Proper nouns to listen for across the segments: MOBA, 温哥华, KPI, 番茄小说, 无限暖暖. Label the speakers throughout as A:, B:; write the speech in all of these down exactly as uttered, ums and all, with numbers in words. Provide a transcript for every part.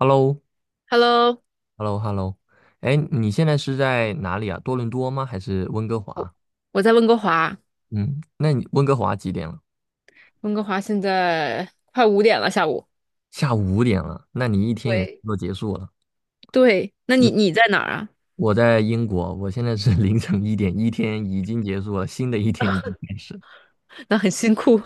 A: h e l l o
B: Hello，
A: h e l l o h e l l o 哎，你现在是在哪里啊？多伦多吗？还是温哥
B: 我
A: 华？
B: 我在温哥华，
A: 嗯，那你温哥华几点了？
B: 温哥华现在快五点了，下午。
A: 下午五点了，那你一天也差
B: 对，
A: 不多结束了。
B: 对，那你
A: 嗯
B: 你在哪儿啊？
A: 我在英国，我现在是 凌晨一点，一天已经结束了，新的一天已经开始。
B: 那很辛苦，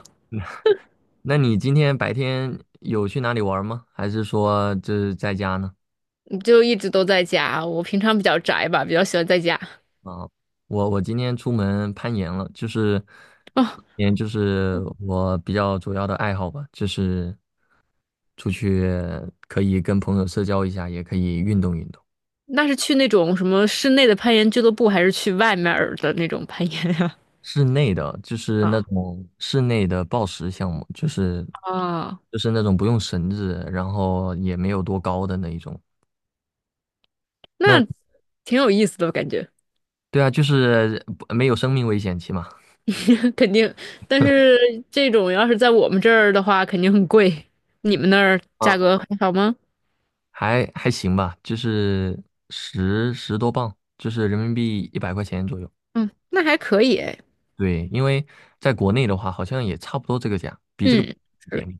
A: 那你今天白天有去哪里玩吗？还是说就是在家呢？
B: 你就一直都在家。我平常比较宅吧，比较喜欢在家。
A: 啊，我我今天出门攀岩了，就是，
B: 哦，
A: 嗯，就是我比较主要的爱好吧，就是出去可以跟朋友社交一下，也可以运动运动。
B: 那是去那种什么室内的攀岩俱乐部，还是去外面儿的那种攀岩呀？
A: 室内的就 是那
B: 啊
A: 种室内的抱石项目，就是
B: 啊，
A: 就是那种不用绳子，然后也没有多高的那一种。那
B: 那挺有意思的感觉，
A: 对啊，就是不没有生命危险期嘛，
B: 肯定。但是这种要是在我们这儿的话，肯定很贵。你们那儿价
A: 啊，
B: 格还好吗？
A: 还还行吧，就是十十多磅，就是人民币一百块钱左右。
B: 嗯，那还可以诶。
A: 对，因为在国内的话，好像也差不多这个价，比这个
B: 嗯，
A: 一
B: 是，
A: 点。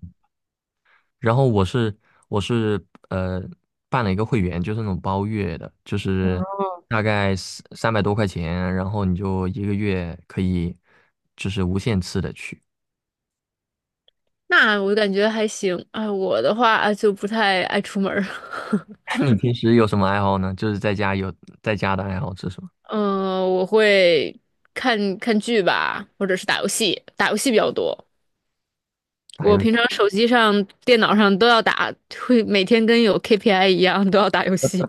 A: 然后我是我是呃办了一个会员，就是那种包月的，就是
B: 哦
A: 大概三三百多块钱，然后你就一个月可以就是无限次的去。
B: 那我感觉还行。哎，我的话啊就不太爱出门儿，
A: 你平时有什么爱好呢？就是在家有在家的爱好是什么？
B: 嗯我会看看剧吧，或者是打游戏，打游戏比较多。
A: 打
B: 我
A: 游戏？
B: 平常手机上、电脑上都要打，会每天跟有 K P I 一样都要打游戏。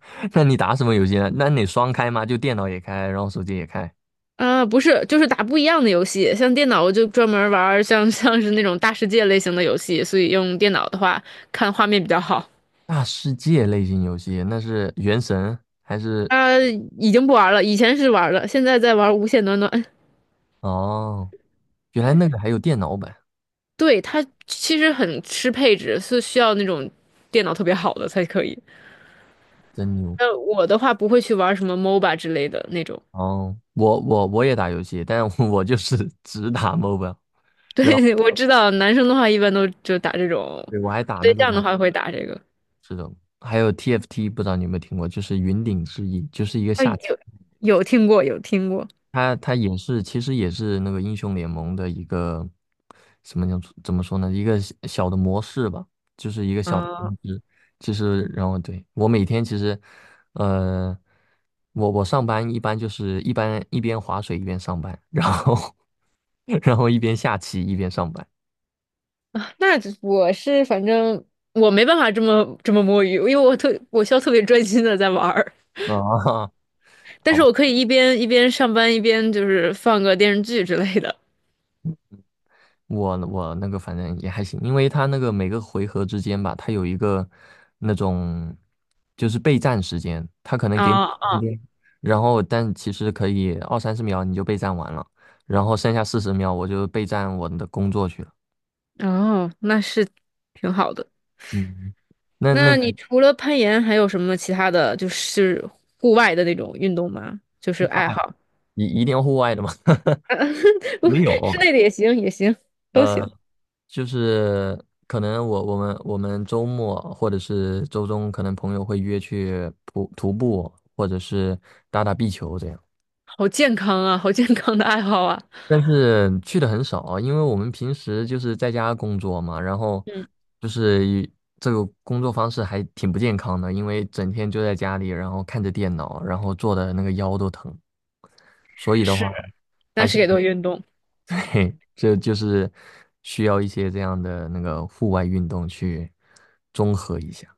A: 那你打什么游戏呢？那你双开吗？就电脑也开，然后手机也开？
B: 啊、不是，就是打不一样的游戏。像电脑，我就专门玩儿像像是那种大世界类型的游戏，所以用电脑的话，看画面比较好。
A: 大世界类型游戏，那是原神还是？
B: 啊、已经不玩了，以前是玩了，现在在玩《无限暖暖》。
A: 哦，原来那个还有电脑版，
B: 对，它其实很吃配置，是需要那种电脑特别好的才可以。
A: 真牛！
B: 那我的话不会去玩什么 MOBA 之类的那种。
A: 哦，我我我也打游戏，但是我就是 只打 m o b i l e 然后
B: 对，我知道男生的话一般都就打这种，我
A: 对我还打
B: 对
A: 那个呢，
B: 象的话会打这个。
A: 这种，还有 T F T,不知道你有没有听过，就是云顶之弈，就是一个
B: 啊，
A: 下
B: 有
A: 棋。
B: 有听过，有听过。
A: 它它也是，其实也是那个英雄联盟的一个什么叫怎么说呢？一个小小的模式吧，就是一个小的
B: 啊，
A: 就是，其实，然后对，我每天其实，呃，我我上班一般就是一般一边划水一边上班，然后 然后一边下棋一边上班。
B: 那我是反正我没办法这么这么摸鱼，因为我特我需要特别专心的在玩儿。
A: 啊，
B: 但
A: 好
B: 是
A: 吧。
B: 我可以一边一边上班一边就是放个电视剧之类的。
A: 我我那个反正也还行，因为他那个每个回合之间吧，他有一个那种就是备战时间，他可能给你
B: 啊
A: 空
B: 啊，
A: 间，然后但其实可以二三十秒你就备战完了，然后剩下四十秒我就备战我的工作去了。
B: 哦，那是挺好的。
A: 嗯，那那
B: 那你
A: 你
B: 除了攀岩，还有什么其他的就是户外的那种运动吗？就是
A: 户
B: 爱
A: 外
B: 好，
A: 一一定要户外的吗？没有，
B: 室内的也行，也行，都
A: 呃，
B: 行。
A: 就是可能我我们我们周末或者是周中，可能朋友会约去徒徒步，或者是打打壁球这样。
B: 好健康啊，好健康的爱好啊。
A: 但是去的很少，因为我们平时就是在家工作嘛，然后
B: 嗯，
A: 就是一这个工作方式还挺不健康的，因为整天就在家里，然后看着电脑，然后坐的那个腰都疼。所以的
B: 是，
A: 话，
B: 但是也都运动，
A: 嘿，这就是需要一些这样的那个户外运动去综合一下。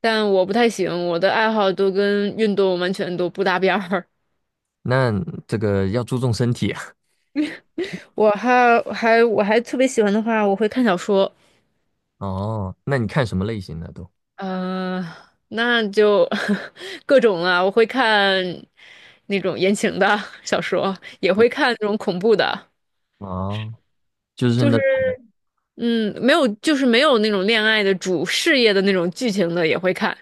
B: 但我不太行，我的爱好都跟运动完全都不搭边儿。
A: 那这个要注重身体啊。
B: 我还还我还特别喜欢的话，我会看小说。
A: 哦，那你看什么类型的都？
B: 嗯，那就 各种啊，我会看那种言情的 小说，也会看那种恐怖的，
A: 哦，就是
B: 就
A: 那，
B: 是嗯，没有，就是没有那种恋爱的主事业的那种剧情的也会看。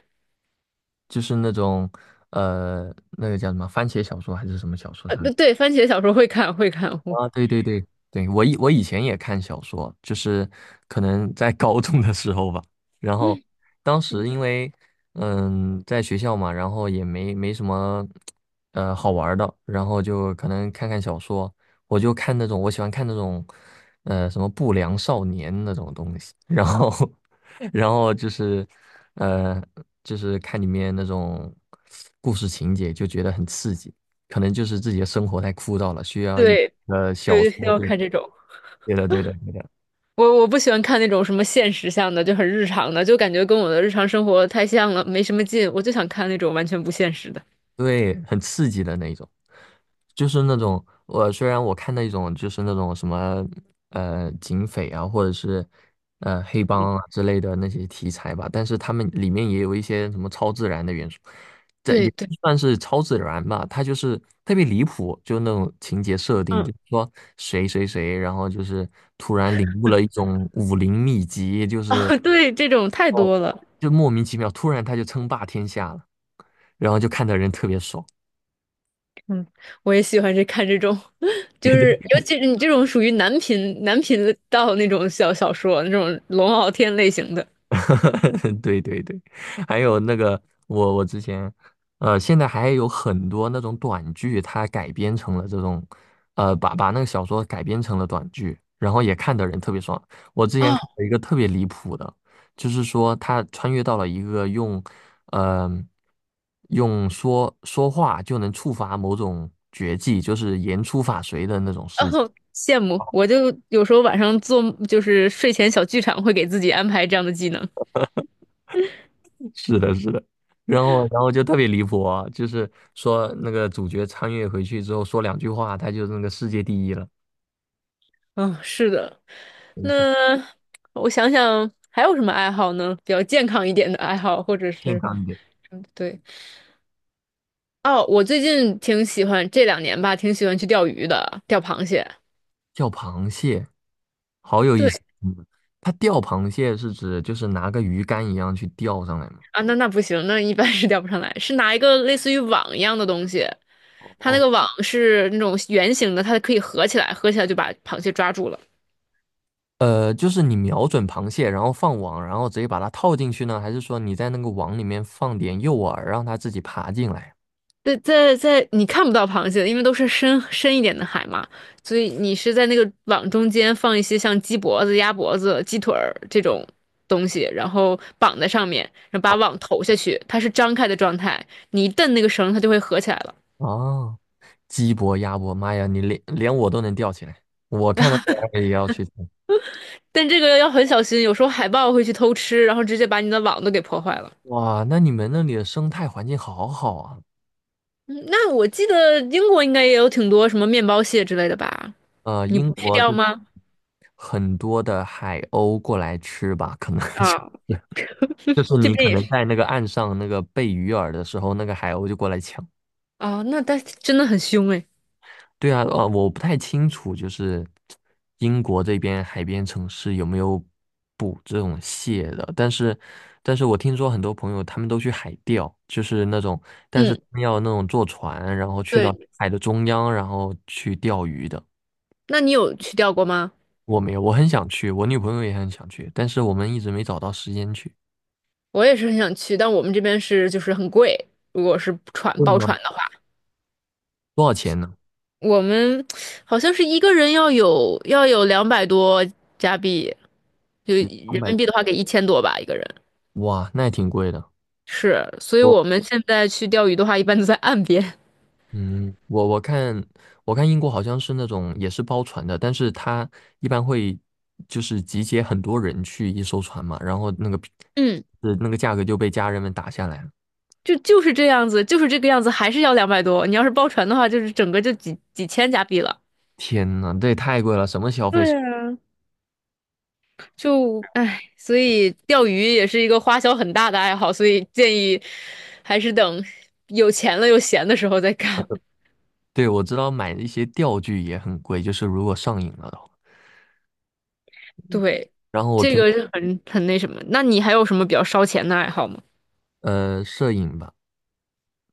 A: 就是那种，呃，那个叫什么番茄小说还是什么小说
B: 呃，
A: 上
B: 对，对番茄小说会看，会看，
A: 啊，对对对对，我以我以前也看小说，就是可能在高中的时候吧。然后
B: 嗯，
A: 当时因为嗯在学校嘛，然后也没没什么呃好玩儿的，然后就可能看看小说，我就看那种我喜欢看那种呃什么不良少年那种东西，然后 然后就是呃就是看里面那种故事情节，就觉得很刺激。可能就是自己的生活太枯燥了，需要一
B: 对，
A: 呃小
B: 对，就是
A: 说
B: 要
A: 这，
B: 看这种。
A: 对的，对的，对的，
B: 我我不喜欢看那种什么现实向的，就很日常的，就感觉跟我的日常生活太像了，没什么劲。我就想看那种完全不现实的。
A: 对，很刺激的那一种，就是那种我虽然我看那种就是那种什么呃警匪啊，或者是呃黑
B: 嗯，
A: 帮啊之类的那些题材吧，但是他们里面也有一些什么超自然的元素，这
B: 对
A: 也
B: 对，
A: 不算是超自然吧，它就是特别离谱，就那种情节设定，
B: 嗯，
A: 就是说谁谁谁，然后就是突然领悟了一种武林秘籍，就 是
B: 啊，对，这种太多了。
A: 就莫名其妙，突然他就称霸天下了，然后就看的人特别爽。
B: 嗯，我也喜欢这看这种，就
A: 对
B: 是
A: 对
B: 尤其是你这种属于男频男频道那种小小说，那种龙傲天类型的，
A: 对对对还有那个我我之前，呃，现在还有很多那种短剧，它改编成了这种，呃，把把那个小说改编成了短剧，然后也看的人特别爽。我之前
B: 哦，
A: 看了一个特别离谱的，就是说他穿越到了一个用，呃，用说说话就能触发某种绝技，就是言出法随的那种事。
B: 哦，羡慕。我就有时候晚上做就是睡前小剧场，会给自己安排这样的技能。
A: 是的，是的，然后然后就特别离谱啊，就是说那个主角穿越回去之后说两句话，他就是那个世界第一了。
B: 嗯，是的。
A: 怎么说？
B: 那我想想还有什么爱好呢？比较健康一点的爱好，或者
A: 健
B: 是
A: 康一点，
B: 嗯，对哦，我最近挺喜欢这两年吧，挺喜欢去钓鱼的，钓螃蟹。
A: 钓螃蟹，好有意思。
B: 对。
A: 嗯他钓螃蟹是指就是拿个鱼竿一样去钓上来吗？
B: 啊，那那不行，那一般是 钓不上来。是拿一个类似于网一样的东西，它那
A: 哦，
B: 个网是那种圆形的，它可以合起来，合起来就把螃蟹抓住了。
A: 呃，就是你瞄准螃蟹，然后放网，然后直接把它套进去呢，还是说你在那个网里面放点诱饵，让它自己爬进来？
B: 在在在，你看不到螃蟹，因为都是深深一点的海嘛，所以你是在那个网中间放一些像鸡脖子、鸭脖子、鸡腿儿这种东西，然后绑在上面，然后把网投下去，它是张开的状态，你一蹬那个绳，它就会合起来了。
A: 哦，鸡脖、鸭脖，妈呀，你连连我都能钓起来，我看到这玩意儿也要去。
B: 但这个要很小心，有时候海豹会去偷吃，然后直接把你的网都给破坏了。
A: 哇，那你们那里的生态环境好好啊！
B: 嗯那我记得英国应该也有挺多什么面包蟹之类的吧？
A: 呃，
B: 你不
A: 英
B: 去
A: 国
B: 钓
A: 的
B: 吗？
A: 很多的海鸥过来吃吧，可能就是
B: 啊，
A: 就是
B: 这
A: 你
B: 边
A: 可
B: 也是。
A: 能在那个岸上那个贝鱼饵的时候，那个海鸥就过来抢。
B: 啊。那它真的很凶哎。
A: 对啊，呃，我不太清楚，就是英国这边海边城市有没有捕这种蟹的，但是，但是我听说很多朋友他们都去海钓，就是那种，但是他
B: 嗯，
A: 们要那种坐船，然后去到
B: 对，
A: 海的中央，然后去钓鱼的。
B: 那你有去钓过吗？
A: 我没有，我很想去，我女朋友也很想去，但是我们一直没找到时间去。
B: 我也是很想去，但我们这边是就是很贵，如果是船
A: 贵
B: 包
A: 吗？
B: 船的话，
A: 多少钱呢？
B: 我们好像是一个人要有要有两百多加币，就
A: 两
B: 人
A: 百
B: 民币的话给一千多吧一个人。
A: 哇，那也挺贵的。
B: 是，所以
A: 我，
B: 我们现在去钓鱼的话，一般都在岸边。
A: 嗯，我我看我看英国好像是那种也是包船的，但是它一般会就是集结很多人去一艘船嘛，然后那个
B: 嗯，
A: 是那个价格就被家人们打下来了。
B: 就就是这样子，就是这个样子，还是要两百多。你要是包船的话，就是整个就几几千加币了。
A: 天呐，这也太贵了，什么消费是
B: 对啊，就唉，所以钓鱼也是一个花销很大的爱好，所以建议还是等有钱了又闲的时候再干。
A: 对，我知道买一些钓具也很贵，就是如果上瘾了的话。
B: 对，
A: 然后我
B: 这
A: 平
B: 个是很很那什么。那你还有什么比较烧钱的爱好吗？
A: 呃摄影吧。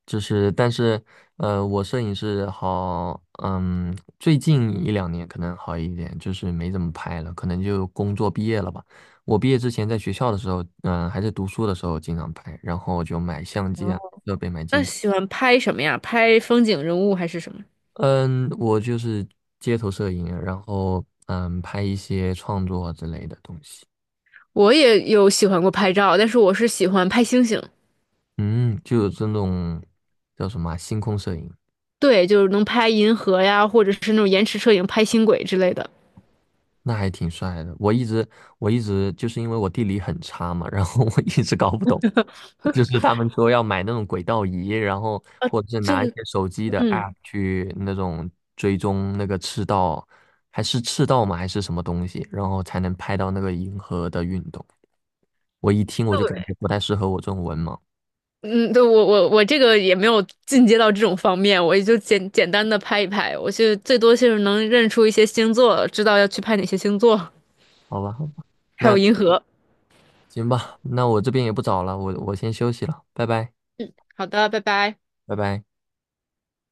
A: 就是，但是，呃，我摄影是好，嗯，最近一两年可能好一点，就是没怎么拍了，可能就工作毕业了吧。我毕业之前在学校的时候，嗯，还在读书的时候经常拍，然后就买相机啊，设备买镜
B: 那
A: 头，
B: 喜欢拍什么呀？拍风景、人物还是什么？
A: 嗯，我就是街头摄影，然后嗯，拍一些创作之类的东西，
B: 我也有喜欢过拍照，但是我是喜欢拍星星。
A: 嗯，就有这种叫什么啊星空摄影。
B: 对，就是能拍银河呀，或者是那种延迟摄影拍星轨之类的。
A: 那还挺帅的。我一直我一直就是因为我地理很差嘛，然后 我一直搞不懂，就是他们说要买那种轨道仪，然后或者是
B: 就
A: 拿一些手机的
B: 嗯，
A: A P P 去那种追踪那个赤道，还是赤道吗？还是什么东西，然后才能拍到那个银河的运动。我一听我就感
B: 对，
A: 觉不太适合我这种文盲。
B: 嗯，对我我我这个也没有进阶到这种方面，我也就简简单的拍一拍，我就最多就是能认出一些星座，知道要去拍哪些星座，
A: 好吧，好吧，
B: 还有
A: 那
B: 银河。
A: 行吧，那我这边也不早了，我我先休息了，拜拜，
B: 好的，拜拜。
A: 拜拜。